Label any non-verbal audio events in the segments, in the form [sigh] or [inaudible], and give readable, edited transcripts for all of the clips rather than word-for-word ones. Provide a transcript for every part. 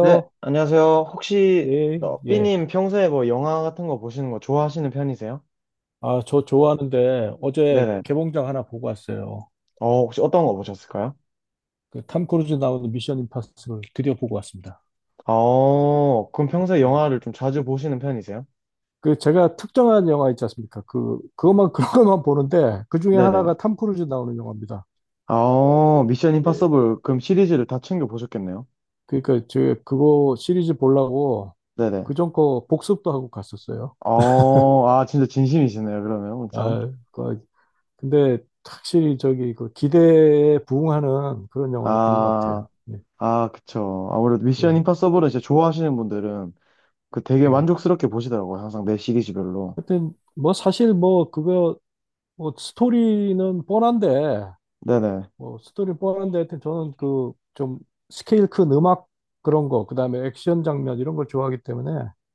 네, 안녕하세요. 혹시 예, 예. 삐님 평소에 뭐 영화 같은 거 보시는 거 좋아하시는 편이세요? 아, 저 좋아하는데 어제 네네. 개봉작 하나 보고 왔어요. 혹시 어떤 거 보셨을까요? 그탐 크루즈 나오는 미션 임파서블 드디어 보고 왔습니다. 그럼 평소에 예. 영화를 좀 자주 보시는 편이세요? 그 제가 특정한 영화 있지 않습니까? 그것만 [laughs] 그런 것만 보는데 그 중에 네네. 하나가 탐 크루즈 나오는 영화입니다. 미션 예. 임파서블 그럼 시리즈를 다 챙겨 보셨겠네요. 그러니까 제 그거 시리즈 보려고 네네. 그전 거 복습도 하고 갔었어요. 아, 진짜 진심이시네요, 그러면 엄청. 아, 그 근데 확실히 저기 그 기대에 부응하는 그런 영화였던 것 같아요. 아, 예, 아, 그쵸. 아무래도 미션 예, 임파서블은 진짜 좋아하시는 분들은 그 되게 예. 만족스럽게 보시더라고요, 항상 매 시리즈별로. 하여튼 뭐 사실 뭐 그거 뭐 스토리는 뻔한데 네네. 뭐 스토리는 뻔한데 하여튼 저는 그 좀 스케일 큰 음악 그런 거 그다음에 액션 장면 이런 걸 좋아하기 때문에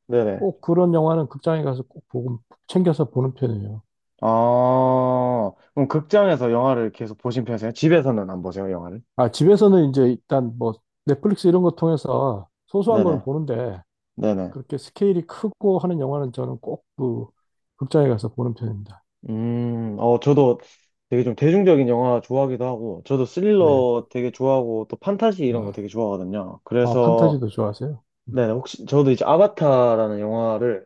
네네. 꼭 그런 영화는 극장에 가서 꼭 보고 챙겨서 보는 편이에요. 아, 그럼 극장에서 영화를 계속 보신 편이세요? 집에서는 안 보세요, 영화를? 아 집에서는 이제 일단 뭐 넷플릭스 이런 거 통해서 소소한 네네, 거는 보는데 네네. 그렇게 스케일이 크고 하는 영화는 저는 꼭 그 극장에 가서 보는 편입니다. 저도 되게 좀 대중적인 영화 좋아하기도 하고, 저도 예. 스릴러 되게 좋아하고, 또 판타지 이런 거 아, 되게 좋아하거든요. 아, 그래서, 판타지도 좋아하세요? 음. 네, 네 혹시, 저도 이제 아바타라는 영화를,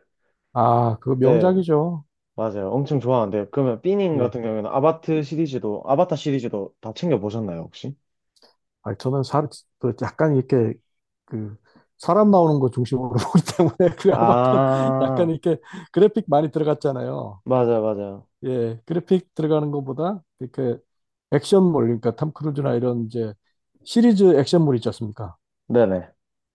아, 그거 네, 명작이죠. 맞아요. 엄청 좋아하는데, 그러면 삐님 예. 같은 경우에는 아바트 시리즈도, 아바타 시리즈도 다 챙겨보셨나요, 혹시? 아니, 저는 사, 그 약간 이렇게 그 사람 나오는 거 중심으로 [laughs] 보기 때문에 그 아바타 약간 아, 이렇게 그래픽 많이 들어갔잖아요. 맞아요, 맞아요. 예, 그래픽 들어가는 것보다 이렇게 액션물, 그러니까 탐 크루즈나 이런 이제 시리즈 액션물 있지 않습니까? 네네,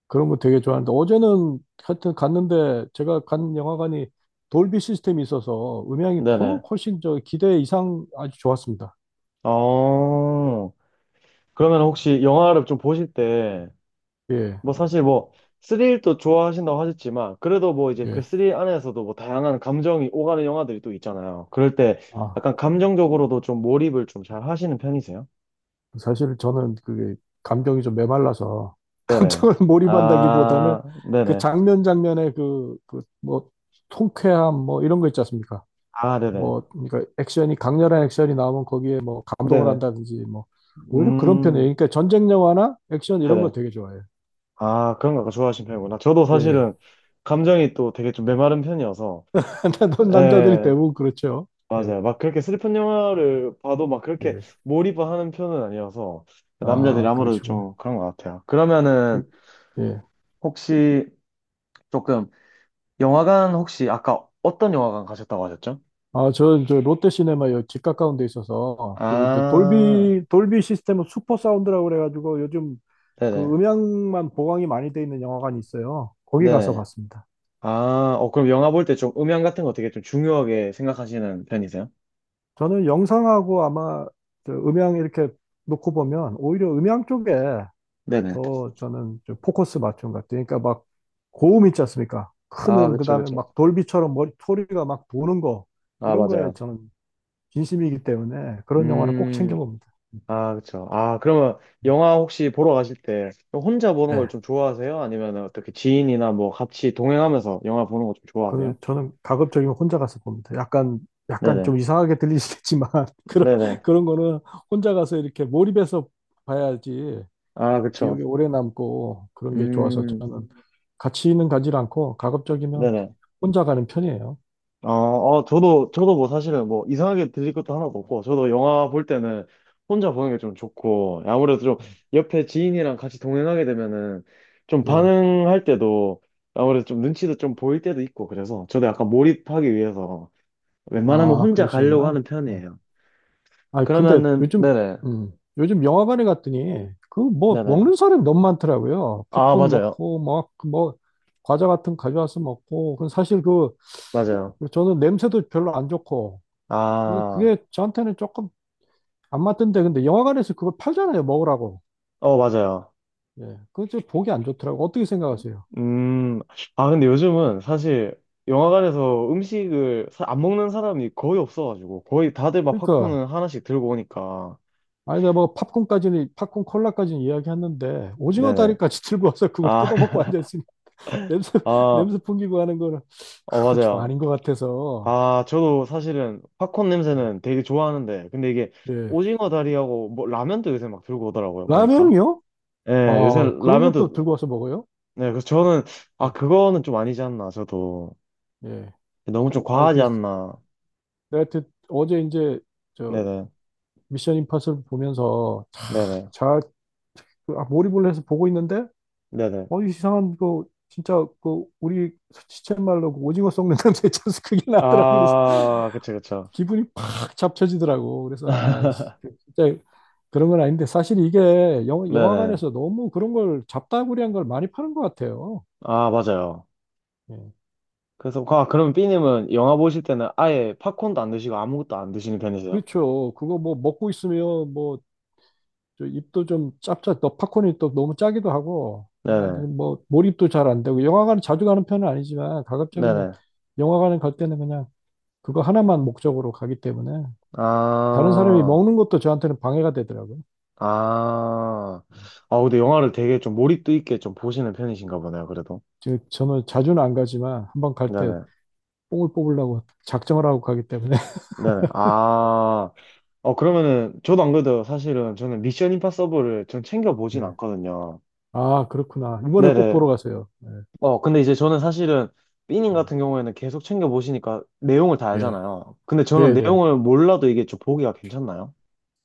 그런 거 되게 좋아하는데 어제는 하여튼 갔는데 제가 간 영화관이 돌비 시스템이 있어서 음향이 통 네네. 훨씬 저 기대 이상 아주 좋았습니다. 어, 그러면 혹시 영화를 좀 보실 때, 예, 뭐 사실 뭐, 스릴도 좋아하신다고 하셨지만, 그래도 뭐 이제 그 예. 스릴 안에서도 뭐 다양한 감정이 오가는 영화들이 또 있잖아요. 그럴 때 아. 약간 감정적으로도 좀 몰입을 좀 잘 하시는 편이세요? 사실 저는 그게 감정이 좀 메말라서 [laughs] 네네. 감정을 몰입한다기보다는 아, 그 네네. 장면 장면의 그, 그 뭐 통쾌함 뭐 이런 거 있지 않습니까? 아, 네네. 뭐 그러니까 액션이 강렬한 액션이 나오면 거기에 뭐 감동을 네네. 한다든지 뭐 오히려 그런 편이에요. 음, 그러니까 전쟁 영화나 액션 이런 거 네네. 되게 좋아해요. 아, 그런 거 좋아하시는 편이구나. 저도 예. 사실은 감정이 또 되게 좀 메마른 편이어서, [laughs] 남자들이 예. 대부분 그렇죠. 예. 맞아요. 막 그렇게 슬픈 영화를 봐도 막 그렇게 예. 몰입을 하는 편은 아니어서 남자들이 아, 아무래도 그러시구나. 좀 그런 것 같아요. 그러면은 그, 예. 혹시 조금 영화관 혹시 아까 어떤 영화관 가셨다고 하셨죠? 아, 롯데시네마 여기 집 가까운 데 있어서, 그 이제 아, 돌비 시스템은 슈퍼 사운드라고 그래가지고 요즘 그 네네. 음향만 보강이 많이 돼 있는 영화관이 있어요. 거기 가서 네네. 봤습니다. 아, 그럼 영화 볼 때 좀 음향 같은 거 되게 좀 중요하게 생각하시는 편이세요? 저는 영상하고 아마 저 음향 이렇게 놓고 보면 오히려 음향 쪽에 네네. 더 저는 좀 포커스 맞춘 것 같아요. 그러니까 막 고음 있지 않습니까? 큰 아, 그 그쵸, 다음에 그쵸. 막 돌비처럼 머리, 소리가 막 도는 거, 아, 이런 거에 맞아요. 저는 진심이기 때문에 그런 영화는 꼭 음, 챙겨봅니다. 아, 그쵸. 아, 그러면 영화 혹시 보러 가실 때 혼자 보는 걸 네. 좀 좋아하세요? 아니면 어떻게 지인이나 뭐 같이 동행하면서 영화 보는 거 좀 그 좋아하세요? 저는 가급적이면 혼자 가서 봅니다. 약간 네네. 좀 이상하게 들리시겠지만 [laughs] 그런 네네. 그런 거는 혼자 가서 이렇게 몰입해서 봐야지 아, 기억에 그쵸. 오래 남고 그런 게 좋아서 음, 저는 같이는 가지 않고 가급적이면 네네. 혼자 가는 편이에요. 저도, 저도 뭐 사실은 뭐 이상하게 들릴 것도 하나도 없고, 저도 영화 볼 때는 혼자 보는 게 좀 좋고, 아무래도 좀 옆에 지인이랑 같이 동행하게 되면은 좀 예. 반응할 때도 아무래도 좀 눈치도 좀 보일 때도 있고, 그래서 저도 약간 몰입하기 위해서 웬만하면 아, 혼자 가려고 그러시구나. 하는 예. 편이에요. 아, 근데 그러면은, 요즘 네네, 음, 요즘 영화관에 갔더니 그 뭐 네네. 먹는 사람이 너무 많더라고요. 아, 팝콘 맞아요. 먹고 막 뭐 과자 같은 거 가져와서 먹고 그 사실 그 맞아요. 그리고 저는 냄새도 별로 안 좋고 게 아, 그게 저한테는 조금 안 맞던데 근데 영화관에서 그걸 팔잖아요 먹으라고 어, 맞아요. 예그게좀 보기 안 좋더라고 어떻게 생각하세요? 음, 아, 근데 요즘은 사실 영화관에서 음식을 사- 안 먹는 사람이 거의 없어가지고, 거의 다들 막 그러니까 팝콘은 하나씩 들고 오니까. 아니 내가 뭐 팝콘까지는 팝콘 콜라까지는 이야기했는데 오징어 네네. 다리까지 [laughs] 들고 와서 그걸 아, 뜯어먹고 [laughs] 앉아있으니 [laughs] 냄새 아, 냄새 풍기고 하는 거는 어, 그건 좀 맞아요. 아닌 것 같아서 아, 저도 사실은 팝콘 예 냄새는 되게 좋아하는데, 근데 이게 예. 오징어 다리하고 뭐 라면도 요새 막 들고 오더라고요, 보니까. 라면이요? 예, 요새 아 그런 것도 라면도 들고 와서 먹어요? 네, 그래서 저는, 아, 예 그거는 좀 아니지 않나, 저도. 예. 너무 좀 아니 과하지 그 않나. 내가 그 어제 이제 저 네네, 미션 임파서블 보면서 네네, 잘 그, 아, 몰입을 해서 보고 있는데, 네네. 어, 이상한 거, 진짜 그, 우리 시쳇말로 그 오징어 썩는 [laughs] 냄새 있잖아요. 그게 나더라고. 그래서 아, 그쵸, 그쵸. 기분이 팍 잡쳐지더라고. 그래서, 아, 씨, 그 진짜 그런 건 아닌데, 사실 이게 네네. 영화관에서 너무 그런 걸 잡다구리한 걸 많이 파는 것 같아요. 아, 맞아요. 예. 그래서, 아, 그럼 삐님은 영화 보실 때는 아예 팝콘도 안 드시고 아무것도 안 드시는 편이세요? 그렇죠. 그거 뭐 먹고 있으면 뭐, 저 입도 좀 짭짭, 또 팝콘이 또 너무 짜기도 하고, 그래가 네네, 뭐, 몰입도 잘 안 되고, 영화관 자주 가는 편은 아니지만, 가급적이면 네네. 영화관에 갈 때는 그냥 그거 하나만 목적으로 가기 때문에 다른 사람이 아, 먹는 것도 저한테는 방해가 되더라고요. 아. 아, 근데 영화를 되게 좀 몰입도 있게 좀 보시는 편이신가 보네요, 그래도. 즉, 저는 자주는 안 가지만 한번 갈 때 네네, 뽕을 뽑으려고 작정을 하고 가기 때문에. [laughs] 네네. 아. 그러면은, 저도 안 그래도 사실은 저는 미션 임파서블을 전 챙겨보진 예. 않거든요. 아, 그렇구나. 이번에 꼭 네네. 보러 가세요. 예. 근데 이제 저는 사실은 삐님 음. 같은 경우에는 계속 챙겨보시니까 내용을 다 예. 알잖아요. 근데 네, 저는 네. 내용을 몰라도 이게 좀 보기가 괜찮나요?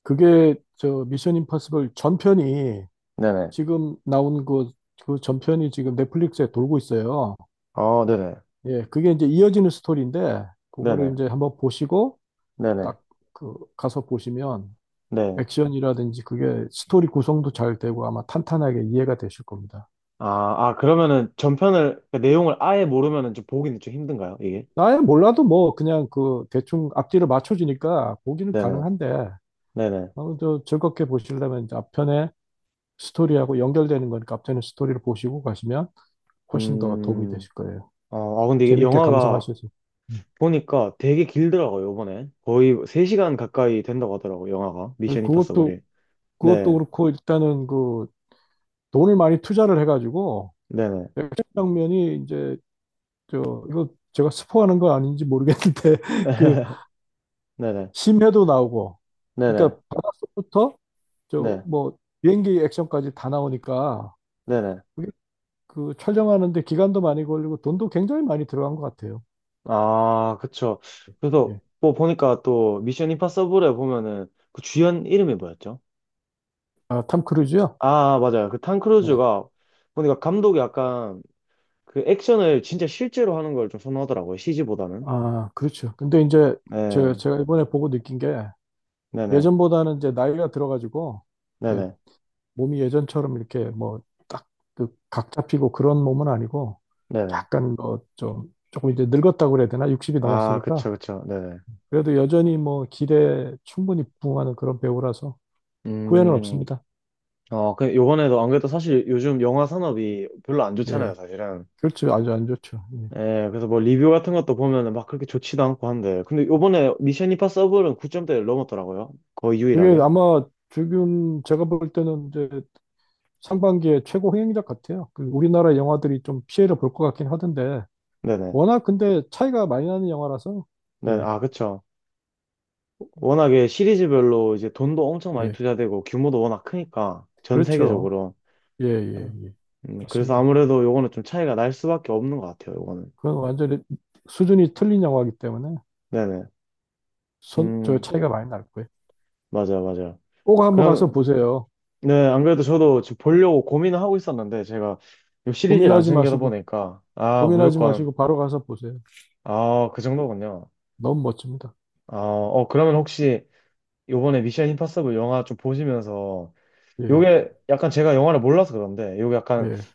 그게 저 미션 임파서블 전편이 네네. 지금 나온 그, 그 전편이 지금 넷플릭스에 돌고 있어요. 어, 네네. 예. 그게 이제 이어지는 스토리인데 그거를 네네. 이제 한번 보시고 네네. 딱 그 가서 보시면 네. 액션이라든지 그게 스토리 구성도 잘 되고 아마 탄탄하게 이해가 되실 겁니다. 아, 아, 그러면은 전편을, 그 내용을 아예 모르면은 좀 보기는 좀 힘든가요, 이게? 아예 몰라도 뭐 그냥 그 대충 앞뒤를 맞춰주니까 보기는 네네. 가능한데 네네. 어, 저 즐겁게 보시려면 이제 앞편에 스토리하고 연결되는 거니까 앞편에 스토리를 보시고 가시면 훨씬 더 도움이 음, 되실 거예요. 아, 근데 이게 재밌게 영화가 감상하셔서. 예. 보니까 되게 길더라고요, 이번에. 거의 3시간 가까이 된다고 하더라고요, 영화가. 미션 그것도 임파서블이. 그것도 네, 그렇고 일단은 그 돈을 많이 투자를 해가지고 네네. 액션 장면이 이제 저 이거 제가 스포하는 거 아닌지 모르겠는데 [laughs] 그 [laughs] 네네. 심해도 나오고, 네네. 그러니까 바닷속부터 저 네, 뭐 비행기 액션까지 다 나오니까 네네. 그게 그 촬영하는데 기간도 많이 걸리고 돈도 굉장히 많이 들어간 것 같아요. 아, 그쵸. 그래서 예. 뭐 보니까 또 미션 임파서블에 보면은 그 주연 이름이 뭐였죠? 아, 탐 크루즈요? 아, 맞아요. 그 탐 네. 크루즈가 보니까 감독이 약간 그 액션을 진짜 실제로 하는 걸 좀 선호하더라고요, CG보다는. 아, 그렇죠. 근데 이제 저 네, 제가 이번에 보고 느낀 게 네네. 예전보다는 이제 나이가 들어가지고 이제 네네. 몸이 예전처럼 이렇게 뭐 딱 그 각 잡히고 그런 몸은 아니고 네네. 약간 뭐 좀 조금 이제 늙었다고 그래야 되나? 60이 아, 넘었으니까 그쵸, 그쵸. 네네. 그래도 여전히 뭐 기대에 충분히 부응하는 그런 배우라서 후회는 음. 없습니다. 그, 요번에도 안 그래도 사실 요즘 영화 산업이 별로 안 예. 좋잖아요, 사실은. 그렇죠. 아주 안 좋죠. 예. 예, 그래서 뭐 리뷰 같은 것도 보면은 막 그렇게 좋지도 않고 한데. 근데 요번에 미션 임파서블은 9점대를 넘었더라고요. 거의 그게 유일하게. 아마 지금 제가 볼 때는 이제 상반기에 최고 흥행작 같아요. 그 우리나라 영화들이 좀 피해를 볼 것 같긴 하던데 네네. 워낙 근데 차이가 많이 나는 영화라서 네, 예. 아, 그쵸. 워낙에 시리즈별로 이제 돈도 엄청 많이 예. 투자되고 규모도 워낙 크니까 전 그렇죠. 세계적으로. 예, 예, 예. 그래서 맞습니다. 아무래도 요거는 좀 차이가 날 수밖에 없는 것 같아요, 요거는. 그건 완전히 수준이 틀린 영화이기 때문에 네네. 손, 저 음, 차이가 많이 날 거예요. 맞아요, 맞아요. 꼭 한번 가서 그럼, 보세요. 네, 안 그래도 저도 지금 보려고 고민을 하고 있었는데, 제가 이 시리즈를 안 고민하지 챙겨다 마시고, 보니까, 아, 고민하지 무조건, 마시고 바로 가서 보세요. 아, 그 정도군요. 너무 멋집니다. 아, 그러면 혹시 요번에 미션 임파서블 영화 좀 보시면서, 예, 요게 약간 제가 영화를 몰라서 그런데, 요게 약간 예.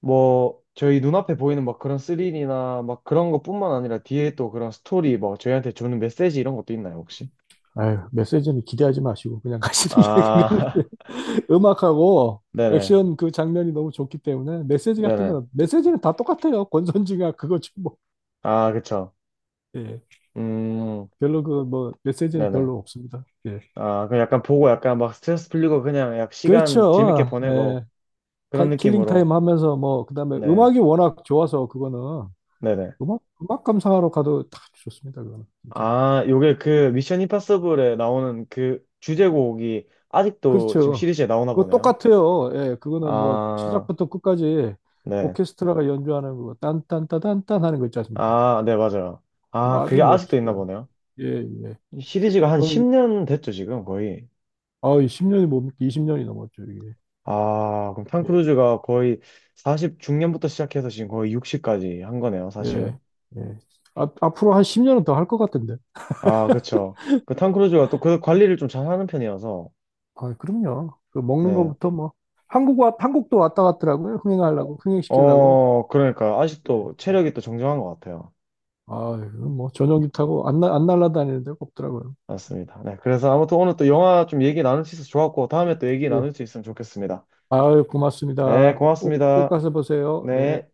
뭐, 저희 눈앞에 보이는 막 그런 스릴이나 막 그런 것뿐만 아니라 뒤에 또 그런 스토리, 뭐, 저희한테 주는 메시지 이런 것도 있나요, 혹시? 아유, 메시지는 기대하지 마시고 그냥 가시는 게 [laughs] 그냥 아, [laughs] 음악하고 네네, 액션 그 장면이 너무 좋기 때문에 메시지 같은 네네. 건 메시지는 다 똑같아요. 권선징악 그거지 뭐. 아, 그쵸. 예. 음, 별로 그 뭐 메시지는 네네. 별로 없습니다. 예. 아, 그 약간 보고 약간 막 스트레스 풀리고 그냥 약 시간 재밌게 그렇죠. 보내고 예. 타, 그런 킬링 느낌으로. 타임 하면서 뭐 그다음에 네. 음악이 워낙 좋아서 그거는 네네. 음악 감상하러 가도 딱 좋습니다. 그거는 진짜. 아, 요게 그 미션 임파서블에 나오는 그 주제곡이 아직도 지금 그렇죠. 시리즈에 나오나 그거 보네요. 똑같아요. 예, 그거는 뭐 아, 시작부터 끝까지 네. 오케스트라가 연주하는 거 딴딴따단딴 하는 거 있지 않습니까? 아, 네, 맞아요. 그거 아, 아주 그게 아직도 있나 멋있어요. 보네요. 예, 예. 이 시리즈가 한 그건 10년 됐죠, 지금 거의. 아 10년이 뭡니까? 20년이 넘었죠, 이게. 아, 그럼 탐 예, 크루즈가 거의 40 중년부터 시작해서 지금 거의 60까지 한 거네요, 예, 사실은. 예. 앞 앞으로 한 10년은 더 할 것 같은데. 아, 그쵸. 그 탐 크루즈가 또 그 관리를 좀 잘하는 편이어서 아, 그럼요. 그 먹는 네. 거부터 뭐 한국 와 한국도 왔다 갔더라고요. 어, 흥행하려고, 흥행시키려고. 그러니까 예. 아직도 체력이 또 정정한 것 같아요. 아, 이건 뭐 전용기 타고 안, 날- 안 날아다니는 데가 없더라고요. 맞습니다. 네. 그래서 아무튼 오늘 또 영화 좀 얘기 나눌 수 있어서 좋았고, 다음에 또 얘기 예. 나눌 수 있으면 좋겠습니다. 아유, 네, 고맙습니다. 꼭, 꼭 고맙습니다. 가서 보세요. 네. 네.